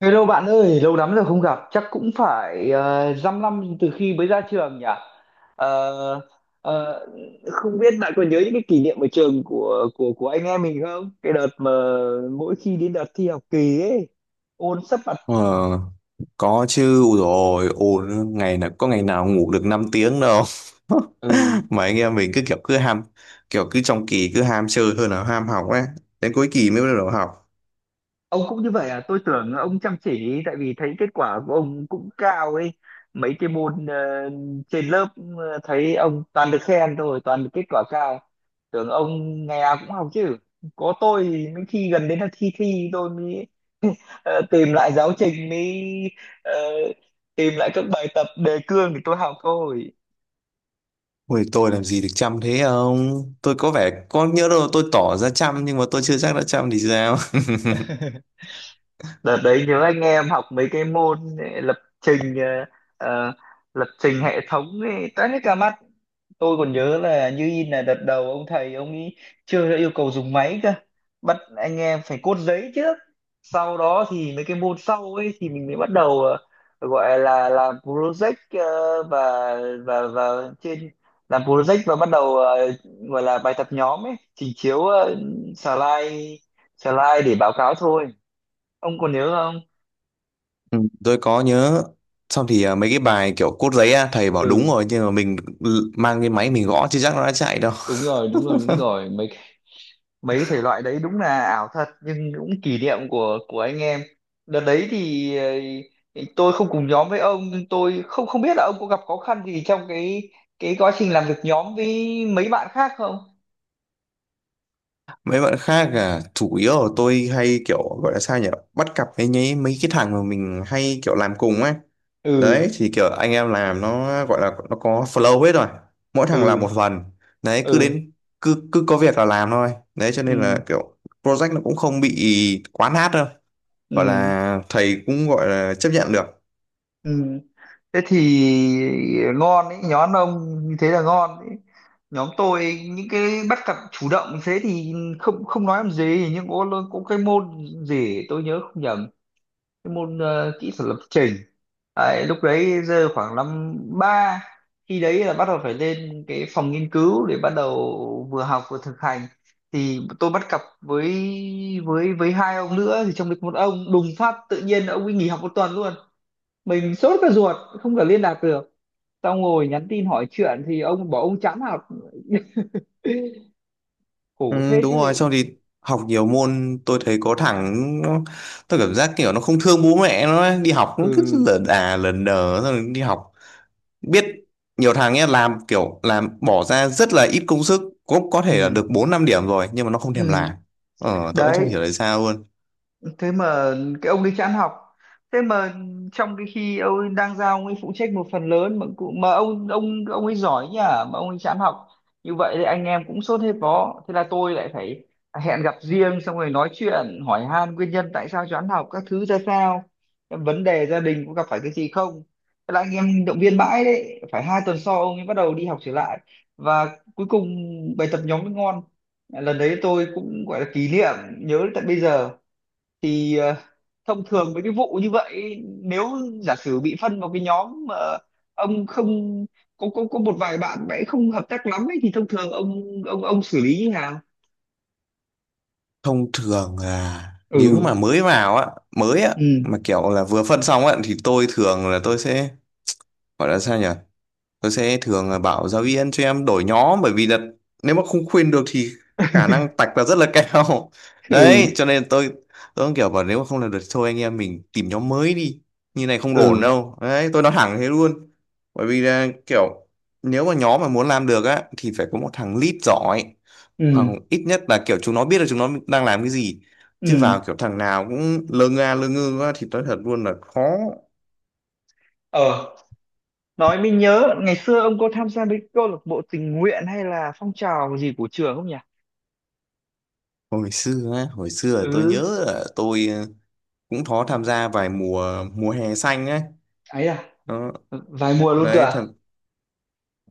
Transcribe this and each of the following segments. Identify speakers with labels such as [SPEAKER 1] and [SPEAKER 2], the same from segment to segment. [SPEAKER 1] Hello bạn ơi, lâu lắm rồi không gặp, chắc cũng phải 5 năm từ khi mới ra trường nhỉ? Ờ, ờ, không biết bạn còn nhớ những cái kỷ niệm ở trường của anh em mình không? Cái đợt mà mỗi khi đến đợt thi học kỳ ấy, ôn sấp mặt.
[SPEAKER 2] Ờ, có chứ. Ui rồi, ồn ngày nào ngủ được 5 tiếng đâu.
[SPEAKER 1] Ừ.
[SPEAKER 2] Mà anh em mình cứ kiểu cứ ham kiểu cứ trong kỳ cứ ham chơi hơn là ham học ấy, đến cuối kỳ mới bắt đầu học.
[SPEAKER 1] Ông cũng như vậy à? Tôi tưởng ông chăm chỉ tại vì thấy kết quả của ông cũng cao ấy, mấy cái môn trên lớp, thấy ông toàn được khen thôi, toàn được kết quả cao, tưởng ông ngày nào cũng học chứ. Có tôi thì mấy khi gần đến là thi thi tôi mới tìm lại giáo trình, mới ờ, tìm lại các bài tập đề cương để tôi học thôi.
[SPEAKER 2] Ui, tôi làm gì được chăm thế không? Tôi có vẻ có nhớ đâu, tôi tỏ ra chăm nhưng mà tôi chưa chắc đã chăm thì sao.
[SPEAKER 1] Đợt đấy nhớ anh em học mấy cái môn lập trình, ờ, lập trình hệ thống ấy, toán hết cả mặt. Tôi còn nhớ là như in, là đợt đầu ông thầy ông ấy chưa đã yêu cầu dùng máy cơ, bắt anh em phải cốt giấy trước. Sau đó thì mấy cái môn sau ấy thì mình mới bắt đầu gọi là làm project, ờ, và và làm project và bắt đầu gọi là bài tập nhóm ấy, trình chiếu slide slide để báo cáo thôi. Ông còn nhớ không?
[SPEAKER 2] Ừ, tôi có nhớ. Xong thì mấy cái bài kiểu cốt giấy á, thầy bảo đúng
[SPEAKER 1] Ừ,
[SPEAKER 2] rồi nhưng mà mình mang cái máy mình gõ chứ chắc nó đã chạy đâu.
[SPEAKER 1] đúng rồi, đúng rồi, đúng rồi. Mấy mấy thể loại đấy đúng là ảo thật, nhưng cũng kỷ niệm của anh em. Đợt đấy thì tôi không cùng nhóm với ông, nhưng tôi không không biết là ông có gặp khó khăn gì trong cái quá trình làm việc nhóm với mấy bạn khác không?
[SPEAKER 2] Mấy bạn khác à? Chủ yếu là tôi hay kiểu gọi là sao nhỉ, bắt cặp với nhí mấy cái thằng mà mình hay kiểu làm cùng ấy.
[SPEAKER 1] Ừ,
[SPEAKER 2] Đấy thì kiểu anh em làm nó, gọi là nó có flow hết rồi, mỗi thằng làm
[SPEAKER 1] ừ,
[SPEAKER 2] một phần. Đấy,
[SPEAKER 1] ừ,
[SPEAKER 2] cứ cứ có việc là làm thôi, đấy cho nên là
[SPEAKER 1] ừ,
[SPEAKER 2] kiểu project nó cũng không bị quá nát đâu, gọi
[SPEAKER 1] ừ,
[SPEAKER 2] là thầy cũng gọi là chấp nhận được.
[SPEAKER 1] ừ. Thế thì ngon ấy, nhóm ông như thế là ngon ấy. Nhóm tôi những cái bắt cặp chủ động thế thì không không nói làm gì, nhưng có cái môn gì tôi nhớ không nhầm, cái môn kỹ thuật lập trình, đấy, lúc đấy giờ khoảng năm ba, khi đấy là bắt đầu phải lên cái phòng nghiên cứu để bắt đầu vừa học vừa thực hành. Thì tôi bắt cặp với hai ông nữa, thì trong đấy có một ông đùng phát tự nhiên ông ấy nghỉ học một tuần luôn. Mình sốt cả ruột không thể liên lạc được. Xong ngồi nhắn tin hỏi chuyện thì ông bảo ông chán học. Khổ
[SPEAKER 2] Ừ,
[SPEAKER 1] thế chứ
[SPEAKER 2] đúng rồi.
[SPEAKER 1] lị.
[SPEAKER 2] Xong thì học nhiều môn tôi thấy có thằng nó, tôi cảm giác kiểu nó không thương bố mẹ nó ấy. Đi học nó cứ
[SPEAKER 1] Ừ,
[SPEAKER 2] lờ đà lờ đờ xong rồi đi học. Biết, nhiều thằng ấy làm kiểu làm bỏ ra rất là ít công sức, cũng có
[SPEAKER 1] ừ,
[SPEAKER 2] thể là được 4 5 điểm rồi nhưng mà nó không thèm làm.
[SPEAKER 1] ừ.
[SPEAKER 2] Tôi cũng không hiểu
[SPEAKER 1] Đấy,
[SPEAKER 2] tại sao luôn.
[SPEAKER 1] thế mà cái ông đấy chán học, thế mà trong cái khi ông ấy đang giao, ông ấy phụ trách một phần lớn, mà ông ấy giỏi nhỉ mà ông ấy chán học, như vậy thì anh em cũng sốt hết vó. Thế là tôi lại phải hẹn gặp riêng xong rồi nói chuyện hỏi han nguyên nhân tại sao chán học các thứ ra sao, vấn đề gia đình có gặp phải cái gì không. Thế là anh em động viên mãi đấy, phải hai tuần sau ông ấy bắt đầu đi học trở lại và cuối cùng bài tập nhóm mới ngon. Lần đấy tôi cũng gọi là kỷ niệm nhớ tận bây giờ. Thì thông thường với cái vụ như vậy, nếu giả sử bị phân vào cái nhóm mà ông không có một vài bạn mà ấy không hợp tác lắm ấy, thì thông thường ông xử lý như nào?
[SPEAKER 2] Thông thường là
[SPEAKER 1] Ừ,
[SPEAKER 2] nếu mà mới vào á, mới á
[SPEAKER 1] ừ,
[SPEAKER 2] mà kiểu là vừa phân xong á thì tôi thường là tôi sẽ, gọi là sao nhỉ, tôi sẽ thường bảo giáo viên cho em đổi nhóm, bởi vì là nếu mà không khuyên được thì khả năng tạch là rất là cao.
[SPEAKER 1] ừ,
[SPEAKER 2] Đấy cho nên tôi cũng kiểu bảo nếu mà không làm được thì thôi anh em mình tìm nhóm mới đi, như này không ổn
[SPEAKER 1] ừ,
[SPEAKER 2] đâu, đấy tôi nói thẳng thế luôn. Bởi vì là kiểu, nếu mà nhóm mà muốn làm được á thì phải có một thằng lead giỏi, hoặc
[SPEAKER 1] ừ,
[SPEAKER 2] ít nhất là kiểu chúng nó biết là chúng nó đang làm cái gì, chứ
[SPEAKER 1] ừ,
[SPEAKER 2] vào kiểu thằng nào cũng lơ nga lơ ngơ quá thì nói thật luôn là khó.
[SPEAKER 1] ờ. Nói mình nhớ ngày xưa ông có tham gia với câu lạc bộ tình nguyện hay là phong trào gì của trường không nhỉ?
[SPEAKER 2] Hồi xưa là tôi
[SPEAKER 1] Ừ,
[SPEAKER 2] nhớ là tôi cũng có tham gia vài mùa mùa hè xanh ấy.
[SPEAKER 1] ấy à?
[SPEAKER 2] Đó.
[SPEAKER 1] Vài mùa luôn cơ
[SPEAKER 2] Đấy thật,
[SPEAKER 1] à?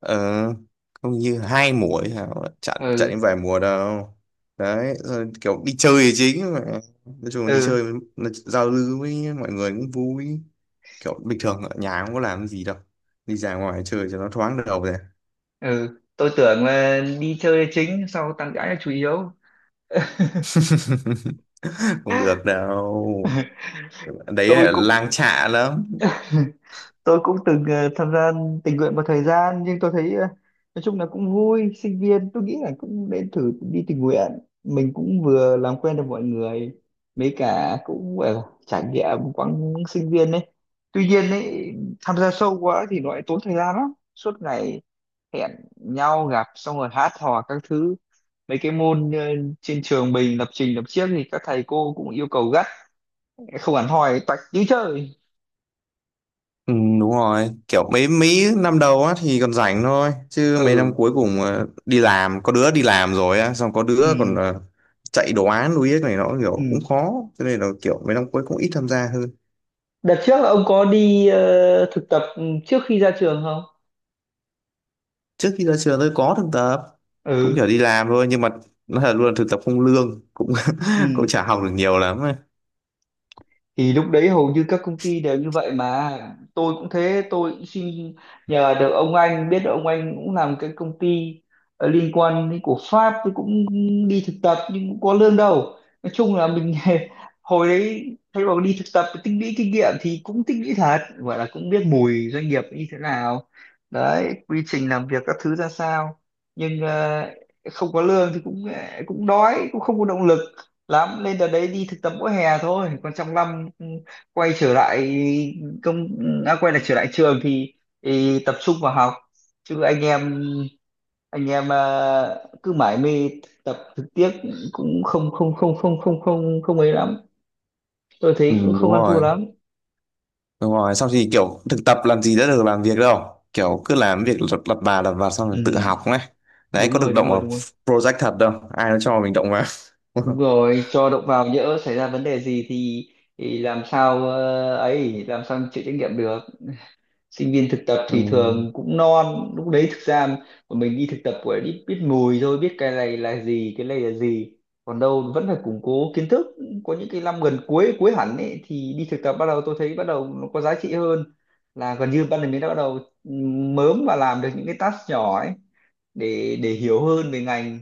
[SPEAKER 2] ờ, không như 2 mùa ấy hả, chặn chặn
[SPEAKER 1] Ừ,
[SPEAKER 2] đến vài mùa đâu. Đấy rồi kiểu đi chơi là chính mà, nói chung là đi
[SPEAKER 1] ừ,
[SPEAKER 2] chơi là giao lưu với mọi người cũng vui, kiểu bình thường ở nhà không có làm gì đâu, đi ra ngoài chơi cho nó thoáng đầu rồi.
[SPEAKER 1] ừ. Tôi tưởng là đi chơi chính, sau tán gái là chủ yếu.
[SPEAKER 2] Không được đâu, đấy
[SPEAKER 1] Tôi
[SPEAKER 2] là
[SPEAKER 1] cũng
[SPEAKER 2] lang chạ lắm.
[SPEAKER 1] tôi cũng từng tham gia tình nguyện một thời gian, nhưng tôi thấy nói chung là cũng vui. Sinh viên tôi nghĩ là cũng nên thử đi tình nguyện, mình cũng vừa làm quen được mọi người, mấy cả cũng gọi là trải nghiệm quãng sinh viên đấy. Tuy nhiên ấy, tham gia sâu quá thì nó lại tốn thời gian lắm, suốt ngày hẹn nhau gặp xong rồi hát hò các thứ. Mấy cái môn trên trường mình lập trình lập chiếc thì các thầy cô cũng yêu cầu gắt, không hẳn hoi toạch như chơi.
[SPEAKER 2] Ừ, đúng rồi, kiểu mấy mấy năm đầu á thì còn rảnh thôi chứ mấy năm
[SPEAKER 1] Ừ,
[SPEAKER 2] cuối cùng đi làm, có đứa đi làm rồi á, xong có đứa còn
[SPEAKER 1] ừ,
[SPEAKER 2] chạy đồ án đuối này nó
[SPEAKER 1] ừ.
[SPEAKER 2] kiểu cũng khó, cho nên là kiểu mấy năm cuối cũng ít tham gia hơn.
[SPEAKER 1] Đợt trước là ông có đi thực tập trước khi ra trường không?
[SPEAKER 2] Trước khi ra trường tôi có thực tập, cũng kiểu
[SPEAKER 1] Ừ.
[SPEAKER 2] đi làm thôi nhưng mà nó là luôn là thực tập không lương, cũng cũng
[SPEAKER 1] Ừ.
[SPEAKER 2] chả học được nhiều lắm ấy.
[SPEAKER 1] Thì lúc đấy hầu như các công ty đều như vậy mà, tôi cũng thế. Tôi cũng xin, nhờ được ông anh, biết được ông anh cũng làm cái công ty liên quan đến của Pháp, tôi cũng đi thực tập nhưng cũng có lương đâu. Nói chung là mình hồi đấy thay vào đi thực tập tích lũy kinh nghiệm thì cũng tích lũy thật, gọi là cũng biết mùi doanh nghiệp như thế nào, đấy, quy trình làm việc các thứ ra sao. Nhưng không có lương thì cũng cũng đói, cũng không có động lực lắm. Lên đợt đấy đi thực tập mỗi hè thôi, còn trong năm, quay trở lại công quay lại trở lại trường thì tập trung vào học chứ anh em cứ mải mê tập thực tiếc, cũng không không không không không không không ấy lắm. Tôi
[SPEAKER 2] Ừ,
[SPEAKER 1] thấy cũng
[SPEAKER 2] đúng
[SPEAKER 1] không ăn thua
[SPEAKER 2] rồi.
[SPEAKER 1] lắm.
[SPEAKER 2] Đúng rồi, xong thì kiểu thực tập làm gì đã được làm việc đâu. Kiểu cứ làm việc lật lặt bà lặt vặt xong rồi
[SPEAKER 1] Ừ,
[SPEAKER 2] tự học ấy. Đấy,
[SPEAKER 1] đúng
[SPEAKER 2] có được
[SPEAKER 1] rồi,
[SPEAKER 2] động
[SPEAKER 1] đúng rồi,
[SPEAKER 2] vào
[SPEAKER 1] đúng rồi.
[SPEAKER 2] project thật đâu, ai nó cho mình động vào.
[SPEAKER 1] Đúng rồi, cho động vào nhỡ xảy ra vấn đề gì thì làm sao ấy, làm sao chịu trách nhiệm được. Sinh viên thực tập
[SPEAKER 2] Ừ.
[SPEAKER 1] thì thường cũng non lúc đấy, thực ra mà mình đi thực tập của biết biết mùi thôi, biết cái này là gì, cái này là gì, còn đâu vẫn phải củng cố kiến thức. Có những cái năm gần cuối, cuối hẳn ấy, thì đi thực tập bắt đầu, tôi thấy bắt đầu nó có giá trị hơn, là gần như ban đầu mình đã bắt đầu mớm và làm được những cái task nhỏ ấy để hiểu hơn về ngành.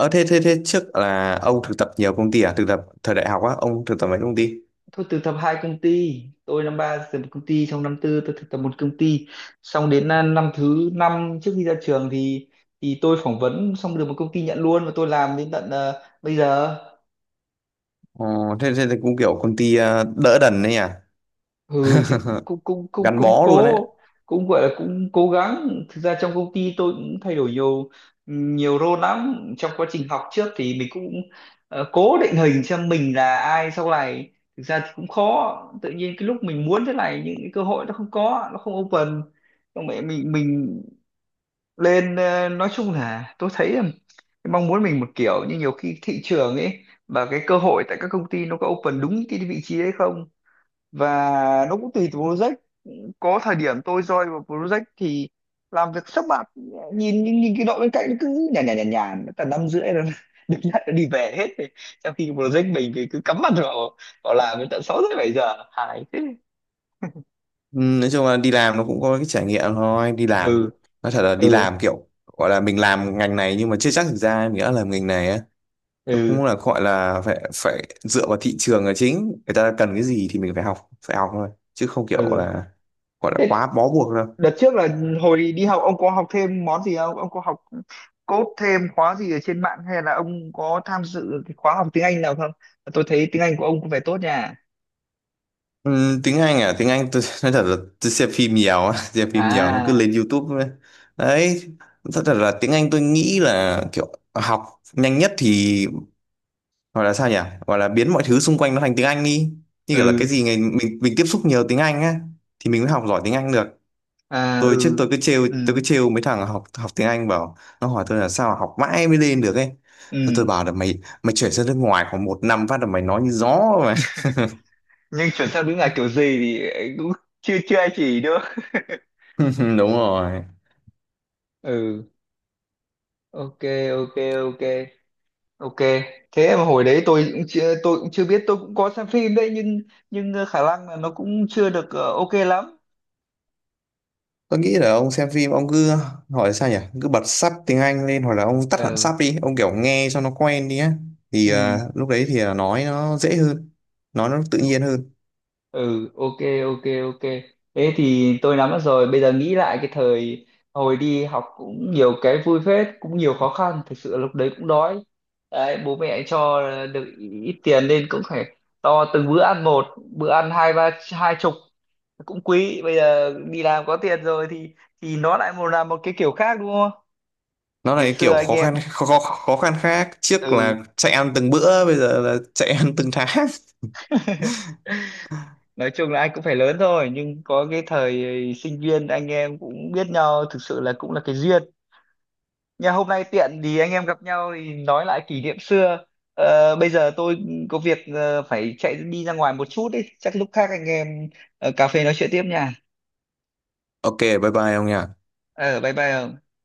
[SPEAKER 2] Ờ, thế trước là ông thực tập nhiều công ty à? Thực tập thời đại học á, ông thực tập mấy công ty?
[SPEAKER 1] Tôi thực tập hai công ty, tôi năm ba thực tập một công ty, xong năm tư tôi thực tập một công ty, xong đến năm thứ năm trước khi ra trường thì tôi phỏng vấn xong được một công ty nhận luôn và tôi làm đến tận bây giờ.
[SPEAKER 2] Ờ, thế cũng kiểu công ty đỡ đần đấy nhỉ?
[SPEAKER 1] Ừ, thì cũng cũng cũng cũng
[SPEAKER 2] Gắn
[SPEAKER 1] cũng
[SPEAKER 2] bó luôn đấy.
[SPEAKER 1] cố, cũng gọi là cũng cố gắng. Thực ra trong công ty tôi cũng thay đổi nhiều, nhiều role lắm. Trong quá trình học trước thì mình cũng cố định hình xem mình là ai sau này. Thực ra thì cũng khó, tự nhiên cái lúc mình muốn thế này những cái cơ hội nó không có, nó không open. Xong mẹ mình lên nói chung là tôi thấy là cái mong muốn mình một kiểu, nhưng nhiều khi thị trường ấy và cái cơ hội tại các công ty nó có open đúng cái vị trí đấy không. Và nó cũng tùy từ project, có thời điểm tôi join vào project thì làm việc sắp mặt, nhìn nhìn, nhìn cái đội bên cạnh nó cứ nhàn nhàn nhàn nhàn tầm năm rưỡi rồi được nhận nó đi về hết rồi, trong khi cái project mình thì cứ cắm mặt vào vào làm đến tận sáu rưỡi bảy giờ, hài thế.
[SPEAKER 2] Ừ, nói chung là đi làm nó cũng có cái trải nghiệm thôi. Đi làm,
[SPEAKER 1] Ừ,
[SPEAKER 2] nói thật là đi
[SPEAKER 1] ừ,
[SPEAKER 2] làm kiểu, gọi là mình làm ngành này nhưng mà chưa chắc thực ra mình đã làm ngành này á, cũng
[SPEAKER 1] ừ,
[SPEAKER 2] là gọi là phải phải dựa vào thị trường là chính, người ta cần cái gì thì mình phải học thôi chứ không kiểu
[SPEAKER 1] ừ.
[SPEAKER 2] là gọi là quá bó buộc đâu.
[SPEAKER 1] Đợt trước là hồi đi học ông có học thêm món gì không, ông có học code thêm khóa gì ở trên mạng, hay là ông có tham dự cái khóa học tiếng Anh nào không? Tôi thấy tiếng Anh của ông có vẻ tốt nha.
[SPEAKER 2] Tiếng Anh à, tiếng Anh tôi nói thật là tôi xem phim nhiều á, xem phim nhiều nó cứ
[SPEAKER 1] À,
[SPEAKER 2] lên YouTube ấy. Đấy thật, thật là tiếng Anh tôi nghĩ là kiểu học nhanh nhất thì, gọi là sao nhỉ, gọi là biến mọi thứ xung quanh nó thành tiếng Anh đi, như kiểu là cái
[SPEAKER 1] ừ.
[SPEAKER 2] gì ngày mình tiếp xúc nhiều tiếng Anh á thì mình mới học giỏi tiếng Anh được.
[SPEAKER 1] À,
[SPEAKER 2] Tôi trước
[SPEAKER 1] ừ,
[SPEAKER 2] tôi cứ trêu
[SPEAKER 1] ừ,
[SPEAKER 2] tôi cứ trêu mấy thằng học học tiếng Anh, bảo nó hỏi tôi là sao mà học mãi mới lên được ấy. Tôi
[SPEAKER 1] ừ.
[SPEAKER 2] bảo là mày mày chuyển sang nước ngoài khoảng 1 năm phát là mày nói như gió mà.
[SPEAKER 1] Nhưng chuẩn xác, đúng là kiểu gì thì anh cũng chưa chưa ai chỉ nữa.
[SPEAKER 2] Đúng rồi,
[SPEAKER 1] Ừ, ok, ok, ok, ok. Thế mà hồi đấy tôi cũng chưa biết, tôi cũng có xem phim đấy, nhưng khả năng là nó cũng chưa được ok lắm.
[SPEAKER 2] tôi nghĩ là ông xem phim ông cứ, hỏi sao nhỉ, cứ bật sub tiếng Anh lên hoặc là ông tắt hẳn
[SPEAKER 1] Ừ,
[SPEAKER 2] sub đi ông kiểu nghe cho nó quen đi á, thì lúc đấy thì là nói nó dễ hơn, nói nó tự
[SPEAKER 1] ừ,
[SPEAKER 2] nhiên hơn.
[SPEAKER 1] ừ, ok, ok, ok. Thế thì tôi nắm mất rồi, bây giờ nghĩ lại cái thời hồi đi học cũng nhiều cái vui phết, cũng nhiều khó khăn thực sự. Lúc đấy cũng đói đấy, bố mẹ cho được ít tiền nên cũng phải to từng bữa ăn một, bữa ăn hai ba hai chục cũng quý. Bây giờ đi làm có tiền rồi thì nó lại một là một cái kiểu khác đúng không.
[SPEAKER 2] Nó là
[SPEAKER 1] Ngày
[SPEAKER 2] cái
[SPEAKER 1] xưa
[SPEAKER 2] kiểu
[SPEAKER 1] anh
[SPEAKER 2] khó khăn,
[SPEAKER 1] em,
[SPEAKER 2] khó khăn khác, trước
[SPEAKER 1] ừ.
[SPEAKER 2] là chạy ăn từng bữa bây giờ là chạy ăn từng tháng.
[SPEAKER 1] Nói chung là anh cũng phải lớn thôi, nhưng có cái thời sinh viên anh em cũng biết nhau thực sự là cũng là cái duyên. Nhà hôm nay tiện thì anh em gặp nhau thì nói lại kỷ niệm xưa. Ờ, bây giờ tôi có việc phải chạy đi ra ngoài một chút ý, chắc lúc khác anh em cà phê nói chuyện tiếp nha.
[SPEAKER 2] OK, bye bye ông nhỉ.
[SPEAKER 1] Ờ, bye bye.